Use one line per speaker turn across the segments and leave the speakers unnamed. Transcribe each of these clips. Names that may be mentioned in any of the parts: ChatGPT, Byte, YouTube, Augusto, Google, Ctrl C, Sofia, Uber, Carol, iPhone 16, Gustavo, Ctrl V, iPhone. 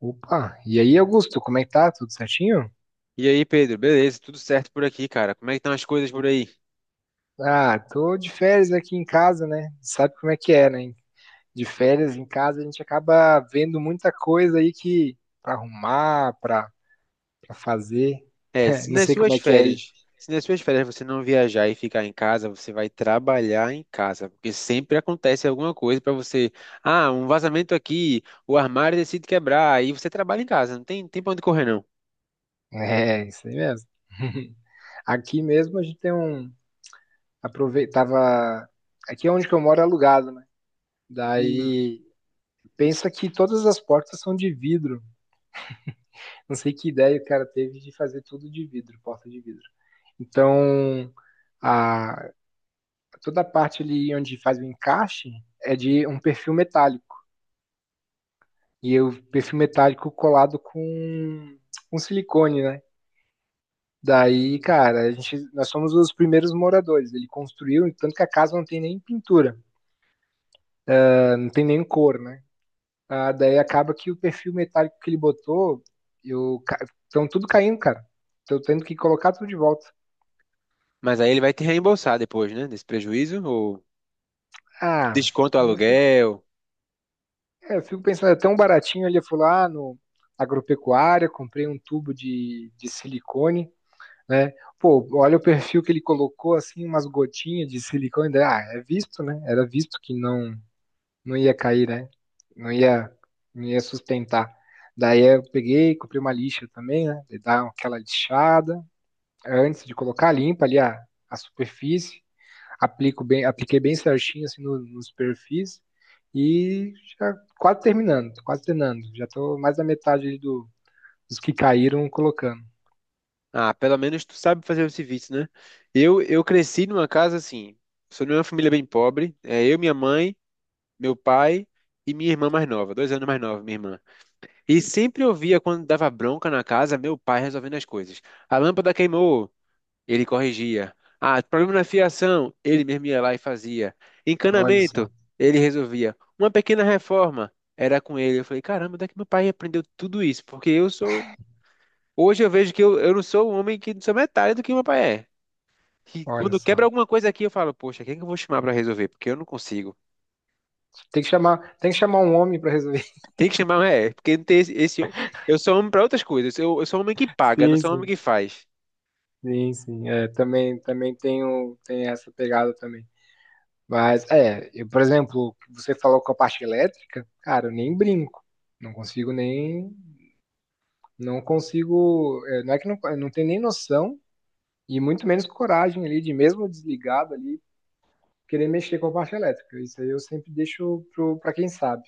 Opa, e aí, Augusto, como é que tá? Tudo certinho?
E aí, Pedro, beleza? Tudo certo por aqui, cara? Como é que estão as coisas por aí?
Ah, tô de férias aqui em casa, né? Sabe como é que é, né? De férias em casa a gente acaba vendo muita coisa aí que pra arrumar, pra fazer.
É, se
Não
nas
sei como
suas
é que é aí.
férias, se nas suas férias você não viajar e ficar em casa, você vai trabalhar em casa, porque sempre acontece alguma coisa pra você. Ah, um vazamento aqui, o armário decide quebrar, aí você trabalha em casa, não tem, tem pra onde correr não.
É, isso aí mesmo. Aqui mesmo a gente tem um. Aproveitava. Aqui é onde que eu moro é alugado, né?
Hum.
Daí pensa que todas as portas são de vidro. Não sei que ideia o cara teve de fazer tudo de vidro, porta de vidro. Então, a, toda a parte ali onde faz o encaixe é de um perfil metálico. E o perfil metálico colado com silicone, né? Daí, cara, a gente, nós somos os primeiros moradores. Ele construiu, tanto que a casa não tem nem pintura, não tem nem cor, né? Ah, daí acaba que o perfil metálico que ele botou, eu, ca- tudo caindo, cara. Tô tendo que colocar tudo de volta.
Mas aí ele vai te reembolsar depois, né? Desse prejuízo, ou
Ah,
desconta o
eu fico.
aluguel.
É, eu fico pensando, é tão baratinho. Ele foi lá no agropecuária, comprei um tubo de silicone, né? Pô, olha o perfil que ele colocou, assim, umas gotinhas de silicone. Daí, ah, é visto, né? Era visto que não ia cair, né? Não ia, não ia sustentar. Daí eu peguei, comprei uma lixa também, né? Daí dá aquela lixada antes de colocar, limpa ali a superfície, aplico bem, apliquei bem certinho assim nos perfis e já quase terminando, quase terminando. Já tô mais da metade ali dos que caíram colocando.
Ah, pelo menos tu sabe fazer o serviço, né? Eu cresci numa casa assim, sou de uma família bem pobre, é eu, minha mãe, meu pai e minha irmã mais nova, 2 anos mais nova, minha irmã. E sempre eu via quando dava bronca na casa, meu pai resolvendo as coisas. A lâmpada queimou, ele corrigia. Ah, problema na fiação, ele mesmo ia lá e fazia.
Olha só,
Encanamento, ele resolvia. Uma pequena reforma, era com ele. Eu falei, caramba, onde é que meu pai aprendeu tudo isso? Porque eu sou. Hoje eu vejo que eu não sou um homem que não sou metade do que meu pai é. E
olha
quando quebra
só.
alguma coisa aqui, eu falo, poxa, quem é que eu vou chamar para resolver? Porque eu não consigo.
Tem que chamar um homem para resolver.
Tem que chamar, é, porque não tem eu sou homem para outras coisas. Eu sou homem que paga, não
Sim,
sou homem
sim,
que faz.
sim, sim. É, também, tem essa pegada também. Mas é, eu, por exemplo, você falou com a parte elétrica, cara, eu nem brinco. Não consigo nem, não consigo, é, não é que não, eu não tenho nem noção. E muito menos coragem ali de mesmo desligado ali querer mexer com a parte elétrica. Isso aí eu sempre deixo pra quem sabe.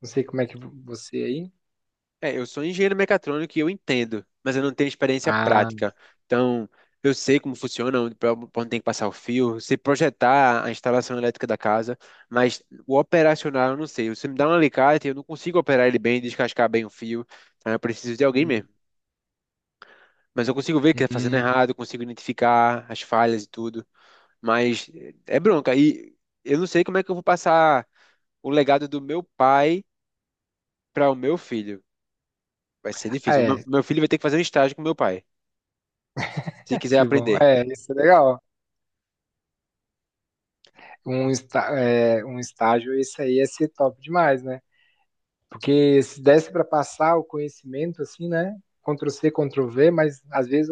Não sei como é que você aí.
É, eu sou engenheiro mecatrônico e eu entendo, mas eu não tenho experiência
Ah,
prática. Então, eu sei como funciona, onde, pra onde tem que passar o fio, se projetar a instalação elétrica da casa, mas o operacional eu não sei. Você me dá um alicate, eu não consigo operar ele bem, descascar bem o fio. Então, eu preciso de alguém mesmo.
hum,
Mas eu consigo ver que está fazendo
hum.
errado, eu consigo identificar as falhas e tudo. Mas é bronca. E eu não sei como é que eu vou passar o legado do meu pai para o meu filho. Vai ser
Ah,
difícil. O meu,
é,
meu filho vai ter que fazer um estágio com meu pai, se quiser
que bom.
aprender.
É, isso é legal. Um estágio, isso aí é ser top demais, né? Porque se desse para passar o conhecimento, assim, né? Ctrl C, Ctrl V, mas às vezes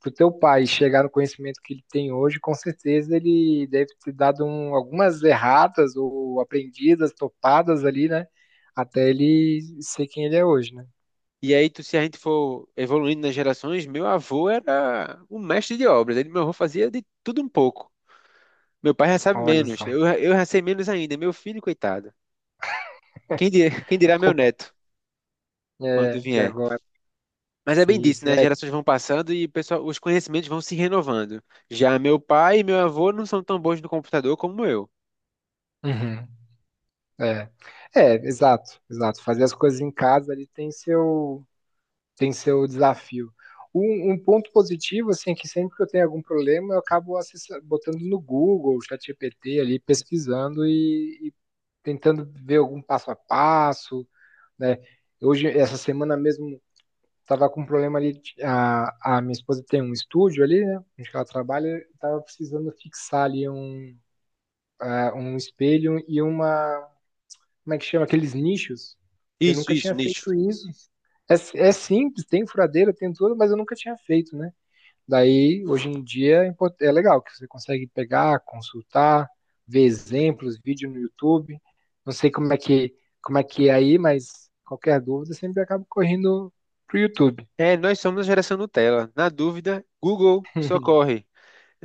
para o teu pai chegar no conhecimento que ele tem hoje, com certeza ele deve ter dado um, algumas erratas ou aprendidas, topadas ali, né? Até ele ser quem ele é hoje, né?
E aí, se a gente for evoluindo nas gerações, meu avô era um mestre de obras. Ele, meu avô fazia de tudo um pouco. Meu pai já sabe
Olha
menos.
só.
Eu já sei menos ainda. Meu filho, coitado. Quem dirá, quem dirá meu neto, quando
É, e
vier.
agora?
Mas é bem
Sim,
disso,
sim,
né? As
é.
gerações vão passando e o pessoal, os conhecimentos vão se renovando. Já meu pai e meu avô não são tão bons no computador como eu.
Uhum. É, é, exato, exato. Fazer as coisas em casa ali tem seu desafio. Ponto positivo, assim, é que sempre que eu tenho algum problema, eu acabo botando no Google, ChatGPT ali, pesquisando e tentando ver algum passo a passo, né? Hoje, essa semana mesmo, estava com um problema ali, de- a minha esposa tem um estúdio ali, né, onde que ela trabalha, estava precisando fixar ali um, ah, um espelho e uma, como é que chama, aqueles nichos. Eu
Isso,
nunca tinha
isso, nicho.
feito isso. É, é simples, tem furadeira, tem tudo, mas eu nunca tinha feito, né? Daí, hoje em dia, é legal que você consegue pegar, consultar, ver exemplos, vídeo no YouTube. Não sei como é que é aí, mas qualquer dúvida sempre acabo correndo pro YouTube.
É, nós somos a geração Nutella. Na dúvida, Google socorre.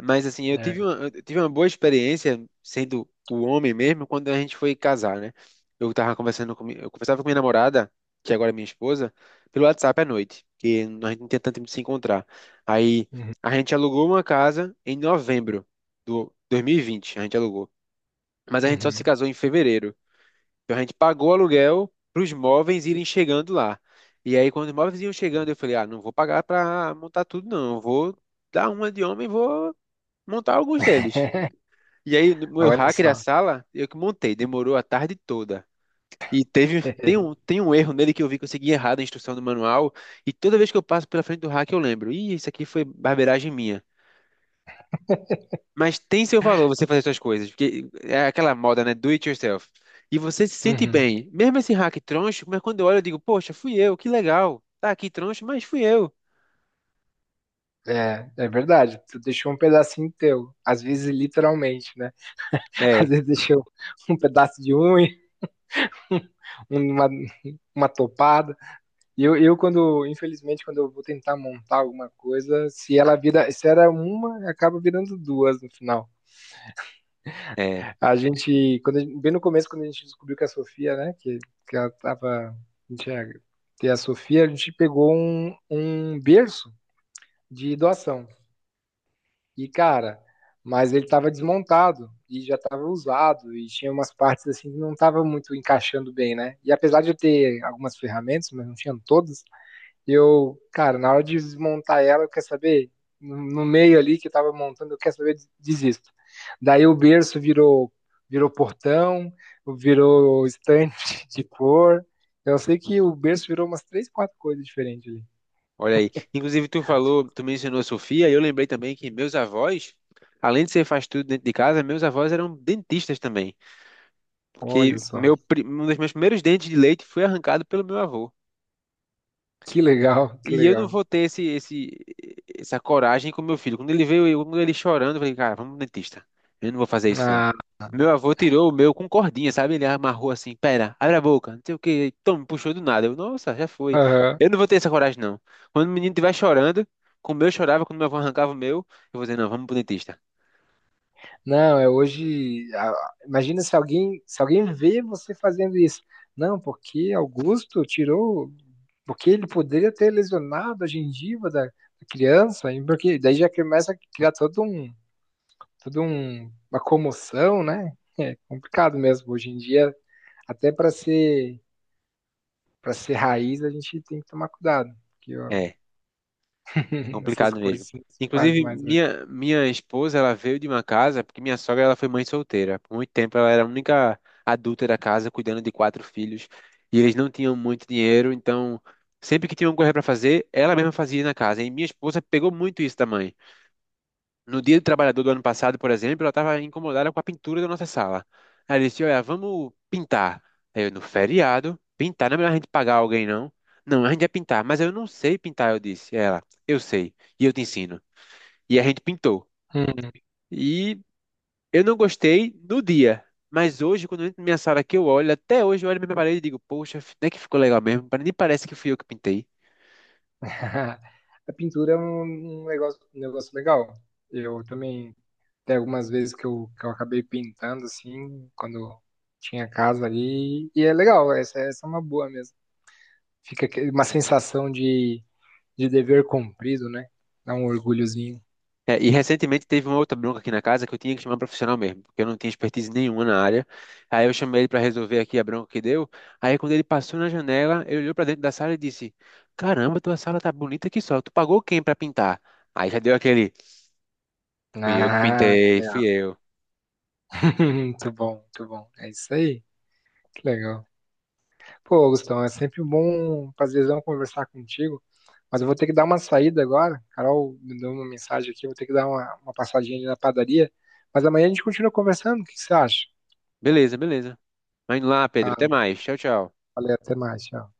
Mas assim,
É.
eu tive uma boa experiência sendo o homem mesmo quando a gente foi casar, né? Eu tava conversando com, mi- eu conversava com minha namorada, que agora é minha esposa, pelo WhatsApp à noite, que a gente não tinha tanto tempo de se encontrar. Aí
Uhum.
a gente alugou uma casa em novembro do 2020, a gente alugou. Mas a gente só se
Uhum.
casou em fevereiro. Então a gente pagou o aluguel para os móveis irem chegando lá. E aí, quando os móveis iam chegando, eu falei: ah, não vou pagar para montar tudo, não. Eu vou dar uma de homem e vou montar alguns deles. E aí, no meu
Olha
hacker, a
só.
sala, eu que montei, demorou a tarde toda. Tem um erro nele que eu vi que eu segui errado a instrução do manual. E toda vez que eu passo pela frente do hacker, eu lembro: ih, isso aqui foi barbeiragem minha. Mas tem seu valor você fazer suas coisas, porque é aquela moda, né? Do it yourself. E você se sente
Uhum.
bem. Mesmo esse hack troncho, mas quando eu olho, eu digo, poxa, fui eu, que legal. Tá aqui troncho, mas fui eu.
É, é verdade. Tu deixou um pedacinho teu, às vezes literalmente, né?
É,
Às vezes deixou um pedaço de unha, uma, uma topada. E quando, infelizmente, quando eu vou tentar montar alguma coisa, se ela vira, se era uma, acaba virando duas no final.
é.
A gente- bem no começo, quando a gente descobriu que a Sofia, né, que ela tava, a gente ia ter a Sofia, a gente pegou um berço de doação. E, cara, mas ele tava desmontado e já tava usado e tinha umas partes assim que não tava muito encaixando bem, né? E apesar de eu ter algumas ferramentas, mas não tinham todas, eu, cara, na hora de desmontar ela, quer saber? No no meio ali que eu tava montando, eu quero saber, desisto. Daí o berço virou, virou portão, virou estante de cor. Eu sei que o berço virou umas três, quatro coisas diferentes ali.
Olha aí. Inclusive, tu mencionou a Sofia, e eu lembrei também que meus avós, além de ser faz tudo dentro de casa, meus avós eram dentistas também. Porque
Olha só,
um dos meus primeiros dentes de leite foi arrancado pelo meu avô.
que legal, que
E eu não
legal.
vou ter essa coragem com meu filho. Quando ele veio, quando ele chorando, eu falei, cara, vamos no dentista. Eu não vou fazer isso, não.
Ah,
Meu avô tirou o meu com cordinha, sabe? Ele amarrou assim, pera, abre a boca, não sei o quê. Então, me puxou do nada. Eu, nossa, já foi.
aham.
Eu não vou ter essa coragem, não. Quando o menino estiver chorando, como eu chorava, quando meu avô arrancava o meu, eu vou dizer, não, vamos pro dentista.
Não, é hoje. Ah, imagina se alguém, se alguém vê você fazendo isso. Não, porque Augusto tirou, porque ele poderia ter lesionado a gengiva da criança, e porque daí já começa a criar todo um, uma comoção, né? É complicado mesmo hoje em dia, até para ser raiz, a gente tem que tomar cuidado, porque ó,
É. É
essas
complicado mesmo.
coisas assim, se faz
Inclusive,
mais hoje.
minha esposa, ela veio de uma casa, porque minha sogra, ela foi mãe solteira. Por muito tempo, ela era a única adulta da casa, cuidando de 4 filhos. E eles não tinham muito dinheiro, então, sempre que tinham coisa para fazer, ela mesma fazia na casa. E minha esposa pegou muito isso da mãe. No Dia do Trabalhador do ano passado, por exemplo, ela estava incomodada com a pintura da nossa sala. Aí ela disse: Olha, vamos pintar. Aí eu, no feriado, pintar, não é melhor a gente pagar alguém, não. Não, a gente vai pintar, mas eu não sei pintar, eu disse. Ela, eu sei, e eu te ensino. E a gente pintou.
Hum.
E eu não gostei no dia, mas hoje, quando eu entro na minha sala que eu olho, até hoje eu olho na minha parede e digo: Poxa, até que ficou legal mesmo, nem parece que fui eu que pintei.
A pintura é um negócio, um negócio legal. Eu também tem algumas vezes que que eu acabei pintando, assim, quando tinha casa ali. E é legal, essa é uma boa mesmo. Fica aquele- uma sensação de dever cumprido, né? Dá um orgulhozinho.
É, e recentemente teve uma outra bronca aqui na casa que eu tinha que chamar um profissional mesmo, porque eu não tinha expertise nenhuma na área. Aí eu chamei ele para resolver aqui a bronca que deu. Aí quando ele passou na janela, ele olhou para dentro da sala e disse: Caramba, tua sala tá bonita aqui só. Tu pagou quem para pintar? Aí já deu aquele: Fui eu que
Ah, que
pintei,
legal.
fui eu.
Muito bom, muito bom. É isso aí. Que legal. Pô, Gustavo, é sempre bom, prazerzão conversar contigo. Mas eu vou ter que dar uma saída agora. Carol me deu uma mensagem aqui, eu vou ter que dar uma passadinha ali na padaria. Mas amanhã a gente continua conversando. O que que você acha?
Beleza, beleza. Vai indo lá, Pedro.
Ah,
Até mais. Tchau, tchau.
valeu, até mais. Tchau.